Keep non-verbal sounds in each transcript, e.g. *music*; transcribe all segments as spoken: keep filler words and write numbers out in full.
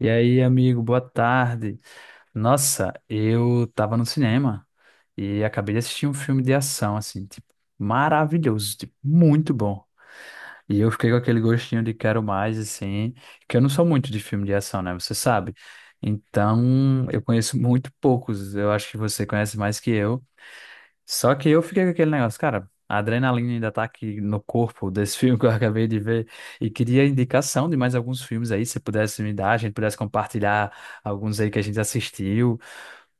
E aí, amigo, boa tarde. Nossa, eu tava no cinema e acabei de assistir um filme de ação, assim, tipo, maravilhoso, tipo, muito bom. E eu fiquei com aquele gostinho de quero mais, assim, que eu não sou muito de filme de ação, né? Você sabe. Então, eu conheço muito poucos. Eu acho que você conhece mais que eu. Só que eu fiquei com aquele negócio, cara, a adrenalina ainda tá aqui no corpo desse *laughs* filme que eu acabei de ver e queria indicação de mais alguns filmes aí, se pudesse me dar, a gente pudesse compartilhar alguns aí que a gente assistiu,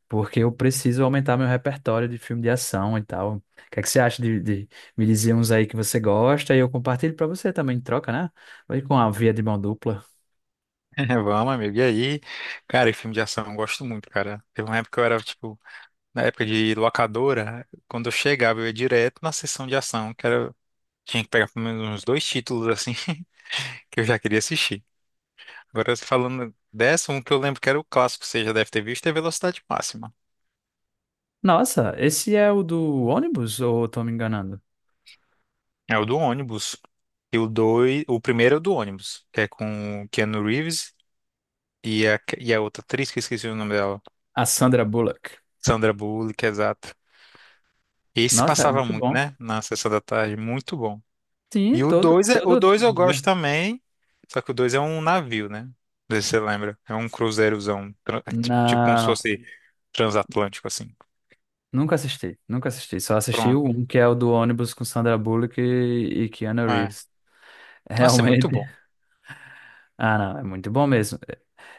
porque eu preciso aumentar meu repertório de filme de ação e tal. O que é que você acha de, de me dizer uns aí que você gosta e eu compartilho pra você também, em troca, né? Vai com a via de mão dupla. *laughs* Vamos, amigo. E aí, cara, e filme de ação, eu gosto muito, cara. Teve uma época que eu era, tipo, na época de locadora, quando eu chegava, eu ia direto na sessão de ação, que era, tinha que pegar pelo menos uns dois títulos, assim, *laughs* que eu já queria assistir. Agora, falando dessa, um que eu lembro que era o clássico, você já deve ter visto, é Velocidade Máxima. Nossa, esse é o do ônibus ou eu tô me enganando? É o do ônibus. E o dois, o primeiro é o do ônibus, que é com o Keanu Reeves e a, e a outra atriz, que eu esqueci o nome dela, A Sandra Bullock. Sandra Bullock, exato. Esse Nossa, é passava muito muito, bom. né? Na sessão da tarde, muito bom. E Sim, o todo, dois é, o todo, dois eu gosto também, só que o dois é um navio, né? Não sei se você lembra. É um cruzeirozão, tran- é ti- tipo como se Na... fosse transatlântico, assim. Nunca assisti, nunca assisti. Só assisti o Pronto. um, que é o do ônibus com Sandra Bullock e, e Keanu É. Reeves. Nossa, é muito Realmente. bom. *laughs* Ah, não, é muito bom mesmo.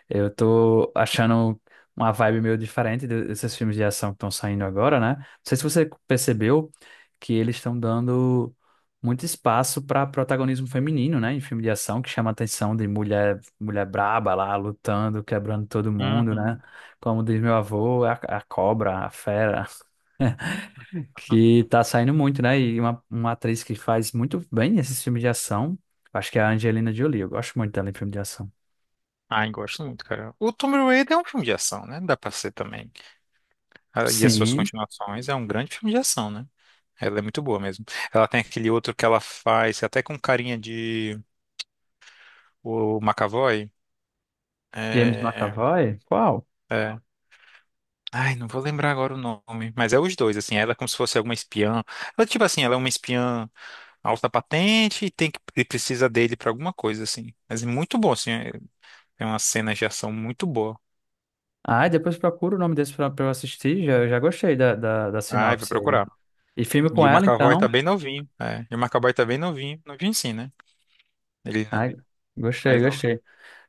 Eu tô achando uma vibe meio diferente de- desses filmes de ação que estão saindo agora, né? Não sei se você percebeu que eles estão dando muito espaço para protagonismo feminino, né? Em filme de ação, que chama a atenção de mulher, mulher braba lá, lutando, quebrando todo mundo, né? Uhum. Como diz meu avô, a, a cobra, a fera. Que tá saindo muito, né? E uma, uma atriz que faz muito bem esses filmes de ação, acho que é a Angelina Jolie. Eu gosto muito dela em filme de ação. Ai, gosto muito, cara. O Tomb Raider é um filme de ação, né? Dá pra ser também. Ah, e as suas Sim, continuações é um grande filme de ação, né? Ela é muito boa mesmo. Ela tem aquele outro que ela faz, até com carinha de o McAvoy. James É, McAvoy? Qual? é. Ai, não vou lembrar agora o nome, mas é os dois, assim, ela é como se fosse alguma espiã. Ela, tipo assim, ela é uma espiã alta patente e tem que e precisa dele pra alguma coisa, assim. Mas é muito bom, assim, é, tem umas cenas de ação muito boa. Ah, depois procura o nome desse pra, pra eu assistir. Já, já gostei da, da, da Ai, vou sinopse aí. procurar. E filme E com o ela, McAvoy tá então. bem novinho, é. E o McAvoy tá bem novinho, novinho sim, né? Ele ainda é Ai, gostei, mais novinho. gostei.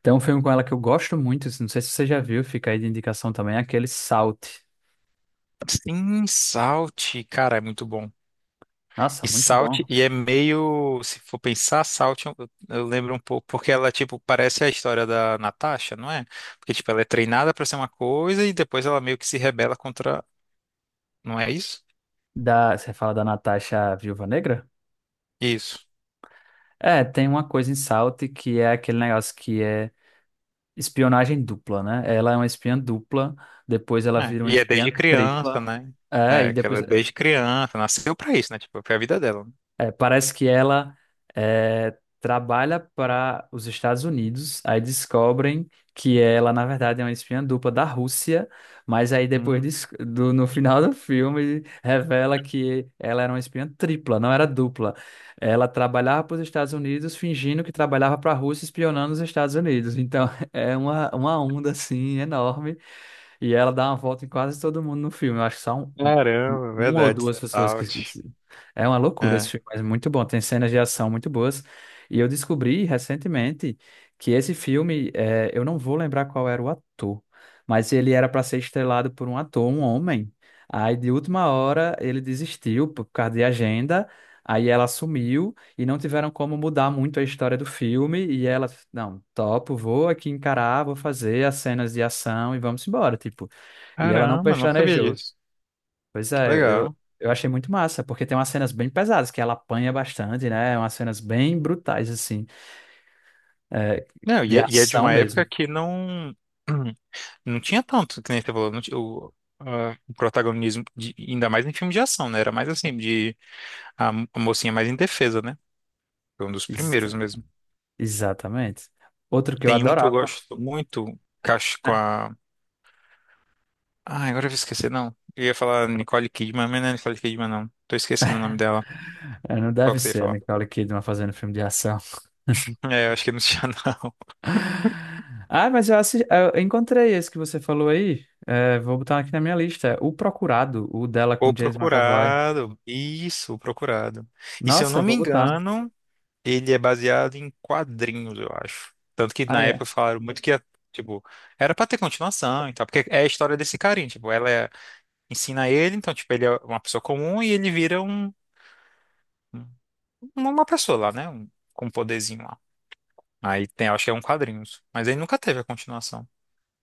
Tem um filme com ela que eu gosto muito, não sei se você já viu, fica aí de indicação também, é aquele Salt. Sim, Salt, cara, é muito bom. Nossa, E muito Salt, bom. e é meio, se for pensar, Salt, eu, eu lembro um pouco, porque ela, tipo, parece a história da Natasha, não é? Porque, tipo, ela é treinada pra ser uma coisa e depois ela meio que se rebela contra, não é isso? Da, você fala da Natasha Viúva Negra? Isso. É, tem uma coisa em Salt que é aquele negócio que é espionagem dupla, né? Ela é uma espiã dupla, depois ela É, vira uma e é espiã desde criança, tripla. né? É, e É, que ela depois é desde criança, nasceu pra isso, né? Tipo, foi a vida dela, né? É, parece que ela é, trabalha para os Estados Unidos, aí descobrem que ela, na verdade, é uma espiã dupla da Rússia, mas aí depois Hum, dis- do, no final do filme revela que ela era uma espiã tripla, não era dupla. Ela trabalhava para os Estados Unidos fingindo que trabalhava para a Rússia, espionando os Estados Unidos. Então *laughs* é uma, uma onda assim enorme. E ela dá uma volta em quase todo mundo no filme. Eu acho que são caramba, uma ou verdade, duas pessoas que. Salt. É uma loucura esse É. filme, mas muito bom. Tem cenas de ação muito boas. E eu descobri recentemente que esse filme, é, eu não vou lembrar qual era o ator, mas ele era para ser estrelado por um ator, um homem. Aí, de última hora, ele desistiu por causa de agenda. Aí ela sumiu e não tiveram como mudar muito a história do filme. E ela, não, topo, vou aqui encarar, vou fazer as cenas de ação e vamos embora, tipo. E ela não *laughs* Caramba, não sabia pestanejou. disso. Pois Que é, eu, legal. eu achei muito massa, porque tem umas cenas bem pesadas, que ela apanha bastante, né? É umas cenas bem brutais, assim, é, Não, e de é, e é de ação uma mesmo. época que não. *clears throat* Não tinha tanto, que nem você falou, não ti- o, a- o protagonismo, de- ainda mais em filme de ação, né? Era mais assim, de a, mo- a mocinha mais indefesa, né? Foi um dos Ex- primeiros mesmo. exatamente. Outro que eu Tem um que eu adorava. gosto muito, Cacho com a. Ah, agora eu vou esquecer, não. Eu ia falar Nicole Kidman, mas não é Nicole Kidman, não. Tô esquecendo o nome dela. *laughs* Não Qual deve que você ia ser a falar? *laughs* Nicole Kidman fazendo filme de ação. É, eu acho que não tinha, não. *laughs* Ah, mas eu, assi- eu encontrei esse que você falou aí. É, vou botar aqui na minha lista. O Procurado, o dela *laughs* com O James McAvoy. Procurado. Isso, o Procurado. E se eu não Nossa, me vou botar. engano, ele é baseado em quadrinhos, eu acho. Tanto que Ah, na época é. falaram muito que, ia, tipo, era pra ter continuação e tal, porque é a história desse carinha, tipo, ela é- ensina ele, então, tipo, ele é uma pessoa comum e ele vira um, um- uma pessoa lá, né? Um, com um poderzinho lá. Aí tem, acho que é um quadrinhos, mas ele nunca teve a continuação.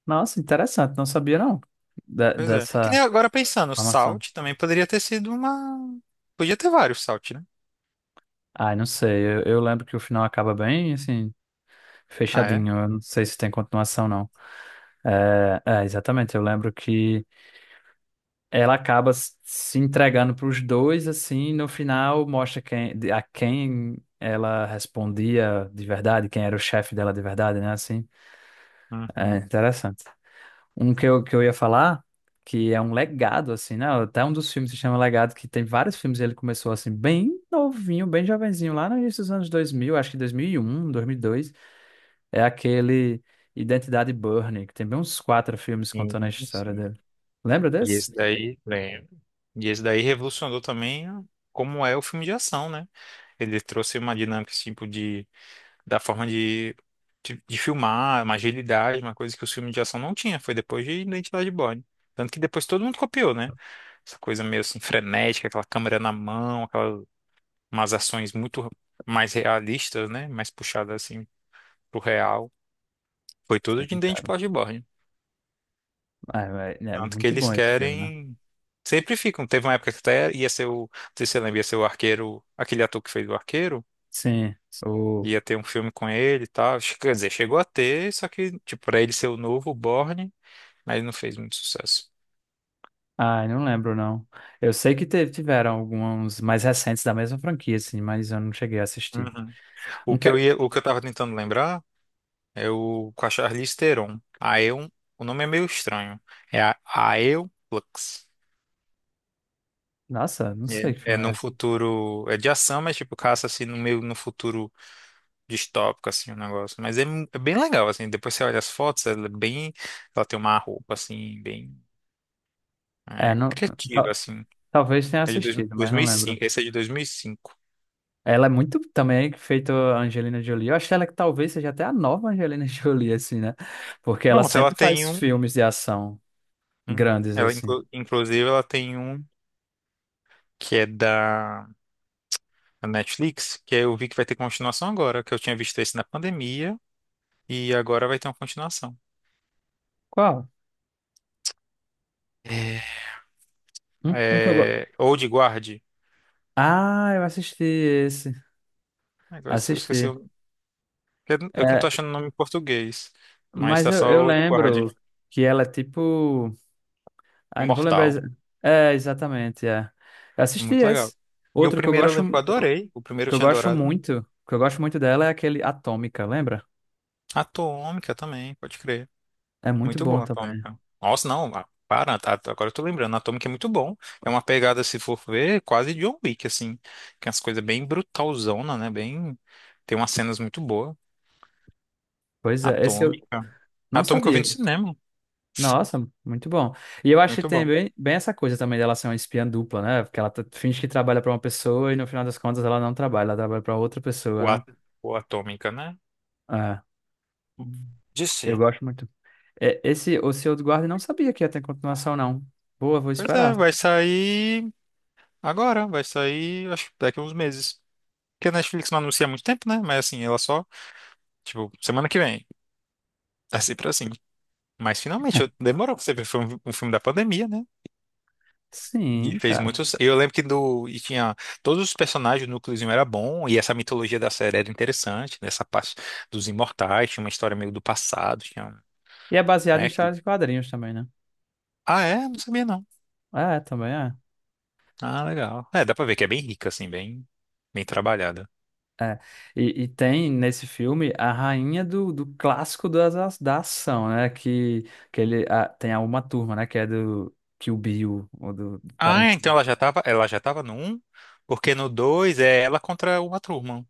Nossa, interessante. Não sabia, não, da- Pois é. Que dessa nem agora pensando, o informação. Salt também poderia ter sido uma... Podia ter vários Salt, né? Ai, não sei. Eu, eu lembro que o final acaba bem, assim, Ah, é? fechadinho. Eu não sei se tem continuação, não. É, é, exatamente. Eu lembro que ela acaba s- se entregando para os dois, assim, e no final mostra quem, de- a quem ela respondia de verdade, quem era o chefe dela de verdade, né? Assim, é Uhum. interessante. Um que eu, que eu ia falar, que é um legado, assim, né? Até um dos filmes se chama Legado, que tem vários filmes. E ele começou, assim, bem novinho, bem jovenzinho, lá no início dos anos dois mil, acho que dois dois mil mil e um dois mil e dois É aquele Identidade Burning, que tem bem uns quatro filmes Sim, contando a história sim. dele. Lembra E desse? esse daí, lembro. E esse daí revolucionou também como é o filme de ação, né? Ele trouxe uma dinâmica, esse tipo, de, da forma de, de, de filmar, uma agilidade, uma coisa que os filmes de ação não tinha. Foi depois de Identidade Born. Tanto que depois todo mundo copiou, né? Essa coisa meio assim frenética, aquela câmera na mão, aquelas umas ações muito mais realistas, né? Mais puxadas assim pro real. Foi tudo de Sim, cara. Identidade Born. Ah, é, é Tanto que muito eles bom esse filme, né? querem. Sempre ficam. Teve uma época que até ia ser o. Não sei se você lembra, ia ser o arqueiro. Aquele ator que fez o arqueiro. Sim, o. Ia ter um filme com ele e tal. Che- Quer dizer, chegou a ter, só que, tipo, pra ele ser o novo Borne, mas ele não fez muito sucesso. Ai, não lembro, não. Eu sei que teve, tiveram alguns mais recentes da mesma franquia, assim, mas eu não cheguei a assistir. Uhum. O Um que eu que... ia, o que eu tava tentando lembrar é o com a Charlize Theron. Aeon, o nome é meio estranho. É a Aeon Flux. Nossa, não sei que É, é filme é num esse. futuro. É de ação, mas tipo, caça assim no meio no futuro distópico, assim, o negócio. Mas é, é bem legal, assim. Depois você olha as fotos, ela é bem. Ela tem uma roupa, assim, bem É, é, não... criativa, tal- assim. talvez tenha É de dois, assistido, mas não lembro. 2005. Esse é de dois mil e cinco. Ela é muito também feito a Angelina Jolie. Eu acho que ela é que talvez seja até a nova Angelina *laughs* Jolie, assim, né? Porque ela Pronto, ela sempre tem faz um. filmes de ação um- grandes, ela, assim. inclu- inclusive, ela tem um que é da da Netflix, que eu vi que vai ter continuação agora, que eu tinha visto esse na pandemia, e agora vai ter uma continuação. Qual? É, Um, um que eu gosto. é, Old Guard. Ah, eu assisti esse. Agora eu esqueci. Assisti. o- Eu não tô É, achando o nome em português, mas mas tá eu, só eu Old Guard. lembro que ela é tipo. Ah, não vou lembrar. Imortal. exa- É, exatamente, é. Eu assisti Muito legal. esse. E o Outro que eu primeiro eu gosto, lembro que eu adorei. O primeiro eu que eu tinha gosto adorado muito. muito, que eu gosto muito dela é aquele Atômica, lembra? Atômica também, pode crer. É muito Muito bom, bom também. Atômica. Nossa, não, ah, para, tá, tá, agora eu tô lembrando. Atômica é muito bom. É uma pegada, se for ver, quase John Wick, assim. Que é as coisas bem brutalzona, né? Bem. Tem umas cenas muito boas. Pois é, esse eu Atômica. não Atômica eu vi no sabia. cinema. Nossa, muito bom. E eu acho que Muito tem bom. bem, bem essa coisa também dela ser uma espiã dupla, né? Porque ela tá- finge que trabalha pra uma pessoa e no final das contas ela não trabalha, ela trabalha pra outra O, pessoa, né? at... o Atômica, né? É, De eu ser. gosto muito. É, esse O Senhor do Guarda não sabia que ia ter continuação, não. Boa, vou Pois é, esperar. vai sair agora. Vai sair, acho que daqui a uns meses. Porque a Netflix não anuncia há muito tempo, né? Mas assim, ela só, tipo, semana que vem. É sempre assim. Mas finalmente, eu- demorou pra você ver. Foi um, um filme da pandemia, né? E Sim, fez cara. muitos. Eu lembro que do. E tinha. Todos os personagens, o núcleozinho era bom. E essa mitologia da série era interessante. Nessa parte dos imortais. Tinha uma história meio do passado. Tinha. Um- E é baseado em Né? que- histórias de quadrinhos também, né? Ah, é? Não sabia, não. É, também é. Ah, legal. É, dá pra ver que é bem rica, assim, bem. Bem trabalhada. É, e, e tem nesse filme a rainha do, do clássico das, a- da ação, né? Que, que ele a- tem a Uma Turma, né? Que é do Kill Bill ou do Ah, é? Então Tarantino. ela já tava. Ela já tava no um. Porque no dois é ela contra uma turma.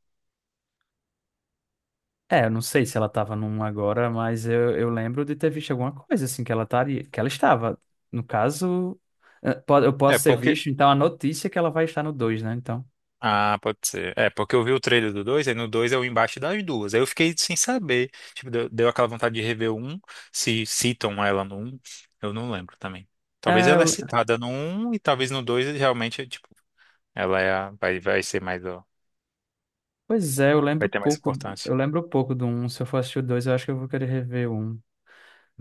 É, eu não sei se ela tava num agora, mas eu, eu lembro de ter visto alguma coisa assim que ela estaria, que ela estava. No caso, eh, po- eu É, posso ter porque. visto, então, a notícia é que ela vai estar no dois né? Então. Ah, pode ser. É, porque eu vi o trailer do dois, aí no dois é o embate das duas. Aí eu fiquei sem saber. Tipo, deu, deu aquela vontade de rever o um, se citam ela no um. Eu não lembro também. Talvez É, ela é eu- citada no um e talvez no dois realmente, tipo, ela é a- vai, vai ser mais, ó, pois é, eu vai lembro ter mais pouco. do- importância. Eu lembro pouco do Um. Se eu for assistir o dois eu acho que eu vou querer rever o Um.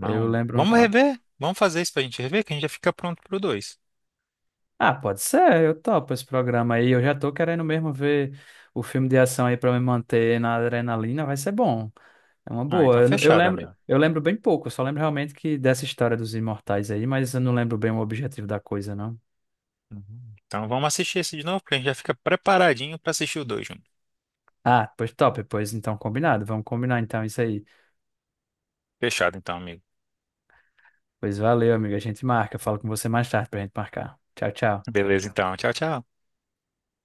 Eu lembro. vamos rever? Vamos fazer isso pra gente rever, que a gente já fica pronto pro dois. Ah, pode ser, eu topo esse programa aí. Eu já tô querendo mesmo ver o filme de ação aí pra me manter na adrenalina, vai ser bom. É uma Ah, boa. então Eu, não- eu fechado, lembro, amigo. eu lembro bem pouco, eu só lembro realmente que dessa história dos imortais aí, mas eu não lembro bem o objetivo da coisa, não. Uhum. Então vamos assistir esse de novo, que a gente já fica preparadinho pra assistir o dois junto. Ah, pois top, pois então combinado. Vamos combinar então isso aí. Fechado então, amigo. Pois valeu, amigo. A gente marca. Eu falo com você mais tarde pra gente marcar. Tchau, tchau. Beleza, então. Tchau, tchau.